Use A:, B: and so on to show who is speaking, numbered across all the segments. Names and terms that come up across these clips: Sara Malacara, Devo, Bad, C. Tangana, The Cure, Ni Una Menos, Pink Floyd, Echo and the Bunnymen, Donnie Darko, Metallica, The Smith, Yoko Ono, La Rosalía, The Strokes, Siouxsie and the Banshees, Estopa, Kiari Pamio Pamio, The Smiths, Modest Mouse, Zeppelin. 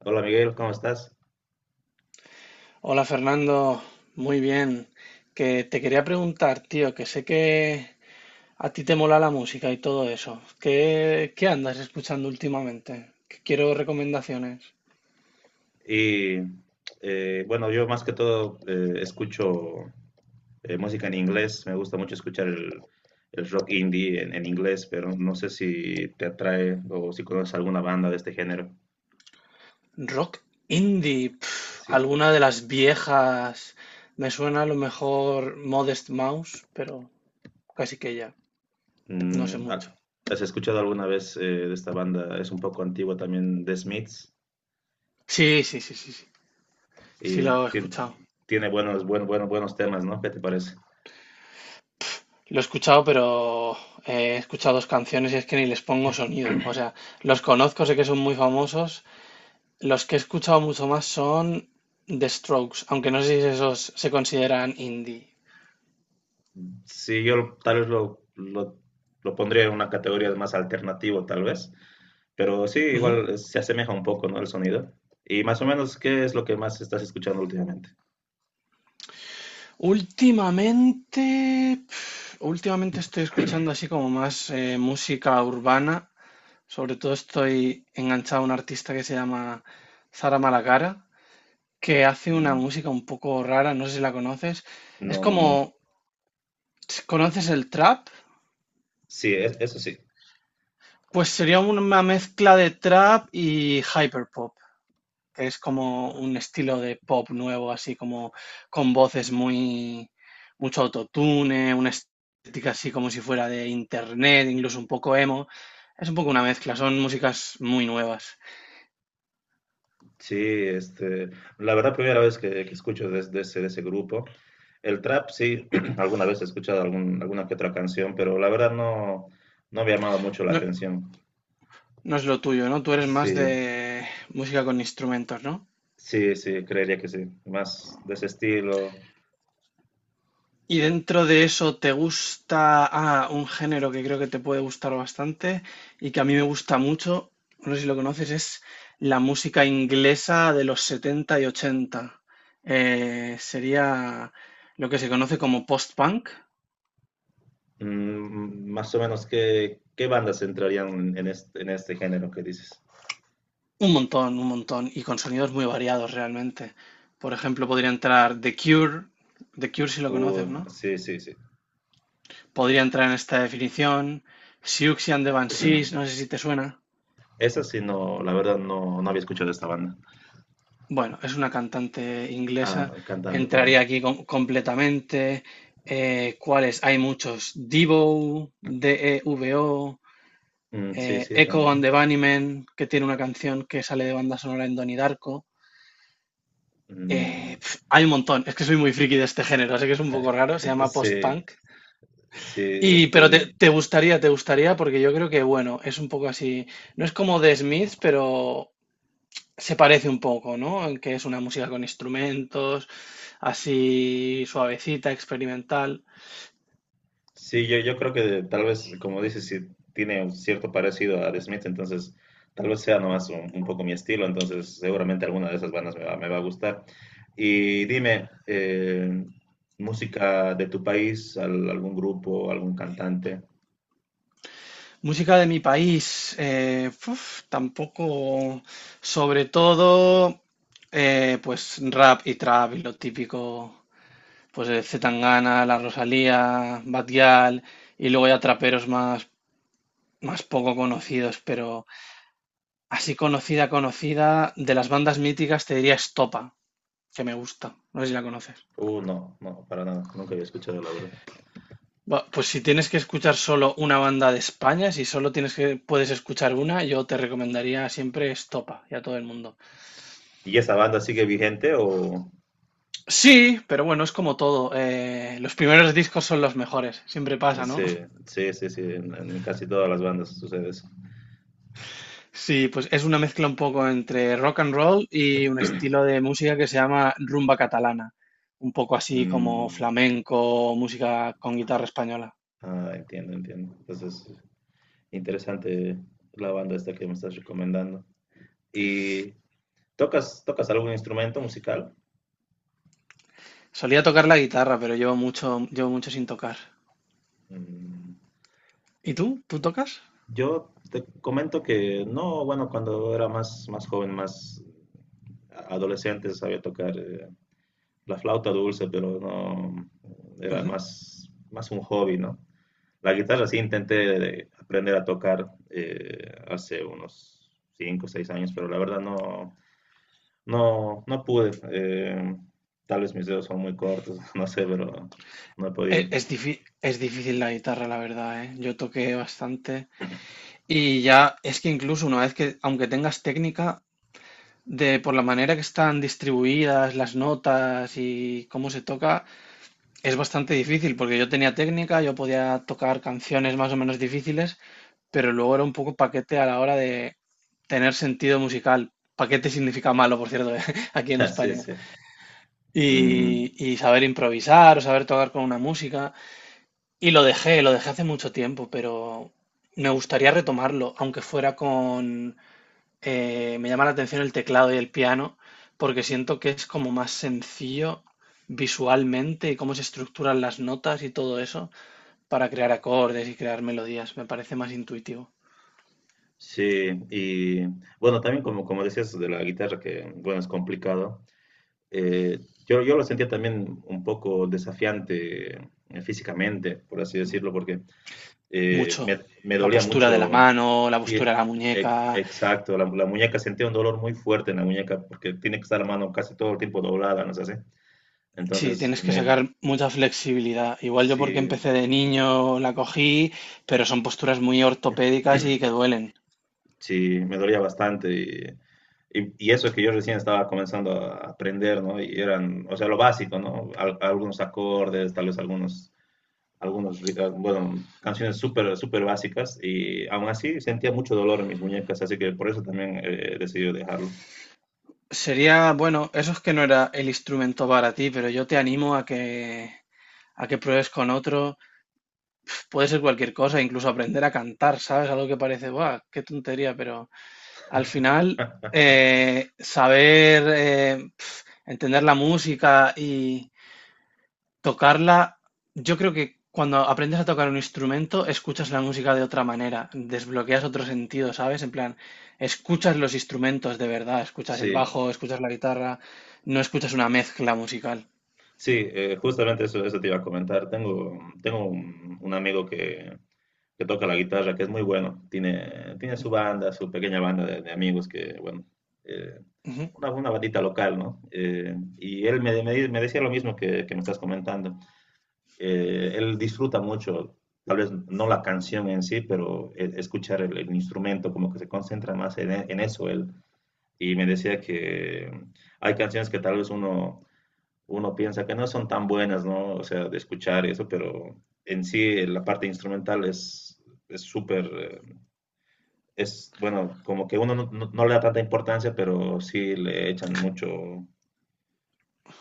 A: Hola Miguel, ¿cómo estás?
B: Hola Fernando, muy bien. Que te quería preguntar, tío, que sé que a ti te mola la música y todo eso. ¿Qué andas escuchando últimamente? Que quiero recomendaciones.
A: Y bueno, yo más que todo escucho música en inglés. Me gusta mucho escuchar el rock indie en inglés, pero no sé si te atrae o si conoces alguna banda de este género.
B: Rock indie, pf,
A: Sí.
B: alguna de las viejas. Me suena a lo mejor Modest Mouse, pero casi que ya, no sé
A: Mm,
B: mucho.
A: ah, ¿has escuchado alguna vez de esta banda? Es un poco antigua también, The Smiths,
B: Sí, sí, sí, sí, sí, sí
A: y
B: lo he
A: tiene,
B: escuchado.
A: tiene buenos temas, ¿no? ¿Qué te parece?
B: Lo he escuchado, pero he escuchado dos canciones y es que ni les pongo sonido. O sea, los conozco, sé que son muy famosos. Los que he escuchado mucho más son The Strokes, aunque no sé si esos se consideran indie.
A: Sí, yo tal vez lo pondría en una categoría de más alternativo, tal vez. Pero sí,
B: Ujú.
A: igual se asemeja un poco, ¿no? El sonido. Y más o menos, ¿qué es lo que más estás escuchando últimamente?
B: Últimamente, pf, últimamente estoy escuchando así como más música urbana. Sobre todo estoy enganchado a un artista que se llama Sara Malacara, que hace una
A: Mm,
B: música un poco rara, no sé si la conoces. Es
A: no.
B: como, ¿conoces el trap?
A: Sí, eso sí.
B: Pues sería una mezcla de trap y hyperpop, que es como un estilo de pop nuevo, así como con voces muy, mucho autotune, una estética así como si fuera de internet, incluso un poco emo. Es un poco una mezcla, son músicas muy nuevas.
A: Sí, este, la verdad, primera vez que escucho de ese grupo. El trap, sí, alguna vez he escuchado alguna que otra canción, pero la verdad no me ha llamado mucho la
B: No,
A: atención.
B: no es lo tuyo, ¿no? Tú eres más
A: Sí,
B: de música con instrumentos, ¿no?
A: sí, creería que sí. Más de ese estilo.
B: Y dentro de eso, ¿te gusta ah, un género que creo que te puede gustar bastante y que a mí me gusta mucho? No sé si lo conoces, es la música inglesa de los 70 y 80. Sería lo que se conoce como post-punk.
A: Mm, más o menos, ¿ qué bandas entrarían en este género que dices?
B: Un montón, y con sonidos muy variados realmente. Por ejemplo, podría entrar The Cure, The Cure si lo conoces, ¿no?
A: Sí.
B: Podría entrar en esta definición, Siouxsie and the Banshees, no sé si te suena.
A: Esa sí. No, la verdad no, no había escuchado esta banda.
B: Bueno, es una cantante inglesa.
A: Ah, cantante,
B: Entraría
A: perdón.
B: aquí completamente. ¿Cuáles? Hay muchos. Devo, D-E-V-O,
A: Mm, sí,
B: Echo
A: también.
B: and the Bunnymen, que tiene una canción que sale de banda sonora en Donnie Darko.
A: Mm,
B: Pf, hay un montón. Es que soy muy friki de este género, así que es un poco raro. Se llama
A: sí,
B: post-punk.
A: sí,
B: Y, pero
A: este,
B: te, te gustaría, te gustaría, porque yo creo que, bueno, es un poco así. No es como The Smith, pero se parece un poco, ¿no? En que es una música con instrumentos así suavecita, experimental.
A: sí, yo creo que tal vez, como dices, sí tiene un cierto parecido a The Smiths, entonces tal vez sea nomás un poco mi estilo, entonces seguramente alguna de esas bandas me va a gustar. Y dime, música de tu país, algún grupo, algún cantante.
B: Música de mi país, uf, tampoco, sobre todo, pues rap y trap y lo típico, pues de C. Tangana, La Rosalía, Bad y luego ya traperos más, más poco conocidos, pero así conocida, conocida, de las bandas míticas te diría Estopa, que me gusta, no sé si la conoces.
A: No, para nada, nunca había escuchado, la verdad.
B: Va, pues si tienes que escuchar solo una banda de España, si solo tienes que puedes escuchar una, yo te recomendaría siempre Estopa y a todo el mundo.
A: ¿Y esa banda sigue vigente o...?
B: Sí, pero bueno, es como todo. Los primeros discos son los mejores, siempre pasa, ¿no?
A: Sí, sí, sí, sí, en casi todas las bandas sucede eso.
B: Sí, pues es una mezcla un poco entre rock and roll y un estilo de música que se llama rumba catalana, un poco así como
A: Mm,
B: flamenco, música con guitarra española.
A: ah, entiendo, entiendo. Entonces, interesante la banda esta que me estás recomendando. ¿Y tocas algún instrumento musical?
B: Solía tocar la guitarra, pero llevo mucho sin tocar.
A: Mm,
B: ¿Y tú? ¿Tú tocas?
A: yo te comento que no. Bueno, cuando era más joven, más adolescente, sabía tocar la flauta dulce, pero no, era más un hobby, ¿no? La guitarra sí intenté aprender a tocar hace unos 5 o 6 años, pero la verdad no pude. Tal vez mis dedos son muy cortos, no sé, pero no he podido.
B: Es difícil la guitarra, la verdad, ¿eh? Yo toqué bastante y ya es que incluso una vez que, aunque tengas técnica, de por la manera que están distribuidas las notas y cómo se toca, es bastante difícil porque yo tenía técnica, yo podía tocar canciones más o menos difíciles, pero luego era un poco paquete a la hora de tener sentido musical. Paquete significa malo, por cierto, aquí en
A: Sí,
B: España.
A: sí. Mm,
B: Y saber improvisar o saber tocar con una música. Y lo dejé hace mucho tiempo, pero me gustaría retomarlo, aunque fuera con... Me llama la atención el teclado y el piano, porque siento que es como más sencillo visualmente y cómo se estructuran las notas y todo eso para crear acordes y crear melodías. Me parece más intuitivo.
A: sí, y bueno, también como, como decías de la guitarra, que bueno, es complicado. Yo lo sentía también un poco desafiante físicamente, por así decirlo, porque
B: Mucho.
A: me
B: La
A: dolía
B: postura de la
A: mucho.
B: mano, la postura
A: Sí,
B: de la muñeca.
A: exacto, la muñeca sentía un dolor muy fuerte en la muñeca porque tiene que estar la mano casi todo el tiempo doblada, ¿no es así?
B: Sí,
A: Entonces,
B: tienes que sacar mucha flexibilidad. Igual yo porque
A: sí,
B: empecé de niño la cogí, pero son posturas muy ortopédicas y que duelen.
A: sí, me dolía bastante y eso que yo recién estaba comenzando a aprender, ¿no? Y eran, o sea, lo básico, ¿no? Algunos acordes, tal vez bueno, canciones súper, súper básicas y aún así sentía mucho dolor en mis muñecas, así que por eso también decidí dejarlo.
B: Sería, bueno, eso es que no era el instrumento para ti, pero yo te animo a a que pruebes con otro. Puede ser cualquier cosa, incluso aprender a cantar, ¿sabes? Algo que parece, ¡guau! ¡Qué tontería! Pero al final, saber eh, entender la música, tocarla, yo creo que cuando aprendes a tocar un instrumento, escuchas la música de otra manera, desbloqueas otro sentido, ¿sabes? En plan, escuchas los instrumentos de verdad, escuchas el
A: Sí,
B: bajo, escuchas la guitarra, no escuchas una mezcla musical.
A: sí, justamente eso, eso te iba a comentar. Tengo un amigo que toca la guitarra, que es muy bueno. Tiene su banda, su pequeña banda de amigos, que bueno, eh,
B: Ujú.
A: una bandita local, ¿no? Y él me decía lo mismo que me estás comentando. Él disfruta mucho, tal vez no la canción en sí, pero escuchar el instrumento, como que se concentra más en eso él. Y me decía que hay canciones que tal vez uno piensa que no son tan buenas, ¿no? O sea, de escuchar y eso, pero en sí la parte instrumental es súper, es bueno, como que uno no le da tanta importancia, pero sí le echan mucho,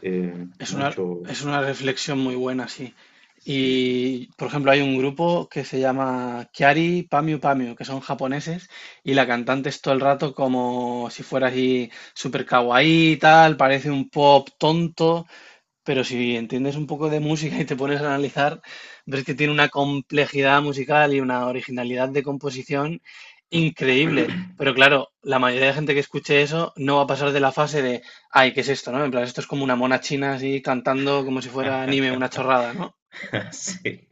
A: eh,
B: Es una,
A: mucho,
B: es una reflexión muy buena, sí.
A: sí.
B: Y, por ejemplo, hay un grupo que se llama Kiari Pamio Pamio, que son japoneses, y la cantante es todo el rato como si fuera así super kawaii y tal, parece un pop tonto. Pero si entiendes un poco de música y te pones a analizar, ves que tiene una complejidad musical y una originalidad de composición increíble. Pero claro, la mayoría de gente que escuche eso no va a pasar de la fase de, ay, ¿qué es esto, no? En plan, esto es como una mona china así cantando como si fuera anime, una chorrada, ¿no?
A: Sí,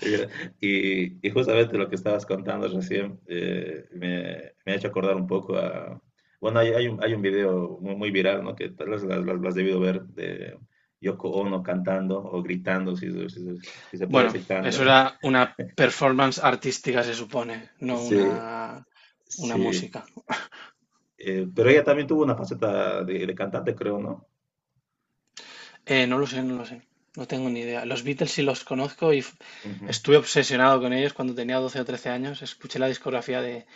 A: mira, y justamente lo que estabas contando recién me ha hecho acordar un poco a... Bueno, hay un video muy, muy viral, ¿no? Que tal vez lo has debido ver, de Yoko Ono cantando o gritando, si, si se si se puede
B: Bueno,
A: decir canto,
B: eso
A: ¿no?
B: era una performance artística, se supone, no
A: Sí,
B: una, una
A: sí.
B: música.
A: Pero ella también tuvo una faceta de cantante, creo, ¿no?
B: No lo sé, no lo sé. No tengo ni idea. Los Beatles sí los conozco y estuve obsesionado con ellos cuando tenía 12 o 13 años. Escuché la discografía de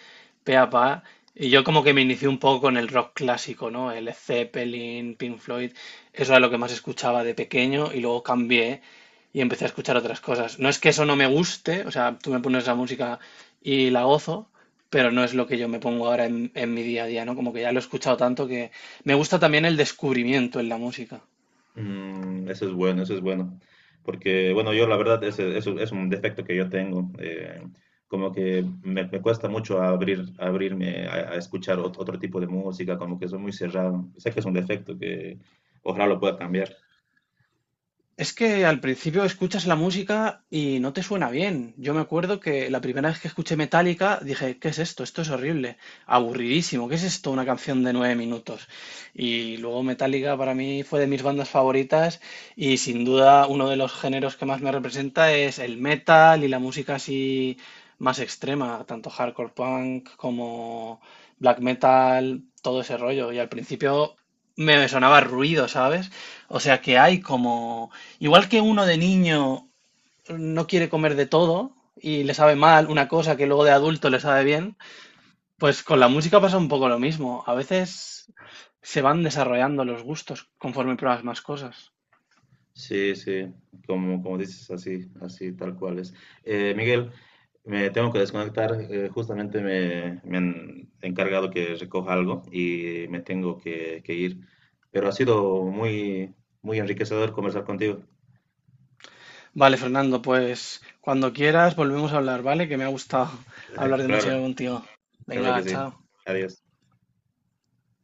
B: pe a pa y yo como que me inicié un poco con el rock clásico, ¿no? El Zeppelin, Pink Floyd. Eso era lo que más escuchaba de pequeño y luego cambié y empecé a escuchar otras cosas. No es que eso no me guste, o sea, tú me pones la música y la gozo, pero no es lo que yo me pongo ahora en mi día a día, ¿no? Como que ya lo he escuchado tanto que me gusta también el descubrimiento en la música.
A: Mm, eso es bueno, eso es bueno. Porque bueno, yo la verdad, eso es un defecto que yo tengo. Como que me cuesta mucho abrirme a escuchar otro tipo de música, como que soy muy cerrado. Sé que es un defecto que ojalá lo pueda cambiar.
B: Es que al principio escuchas la música y no te suena bien. Yo me acuerdo que la primera vez que escuché Metallica dije, ¿qué es esto? Esto es horrible, aburridísimo, ¿qué es esto? Una canción de 9 minutos. Y luego Metallica para mí fue de mis bandas favoritas y sin duda uno de los géneros que más me representa es el metal y la música así más extrema, tanto hardcore punk como black metal, todo ese rollo. Y al principio me sonaba ruido, ¿sabes? O sea que hay como, igual que uno de niño no quiere comer de todo y le sabe mal una cosa que luego de adulto le sabe bien, pues con la música pasa un poco lo mismo. A veces se van desarrollando los gustos conforme pruebas más cosas.
A: Sí, sí, como, como dices, así, así, tal cual es. Miguel, me tengo que desconectar. Eh, justamente me han encargado que recoja algo y me tengo que ir, pero ha sido muy, muy enriquecedor conversar contigo.
B: Vale, Fernando, pues cuando quieras volvemos a hablar, ¿vale? Que me ha gustado hablar de música
A: Claro,
B: contigo.
A: claro que
B: Venga,
A: sí.
B: chao.
A: Adiós.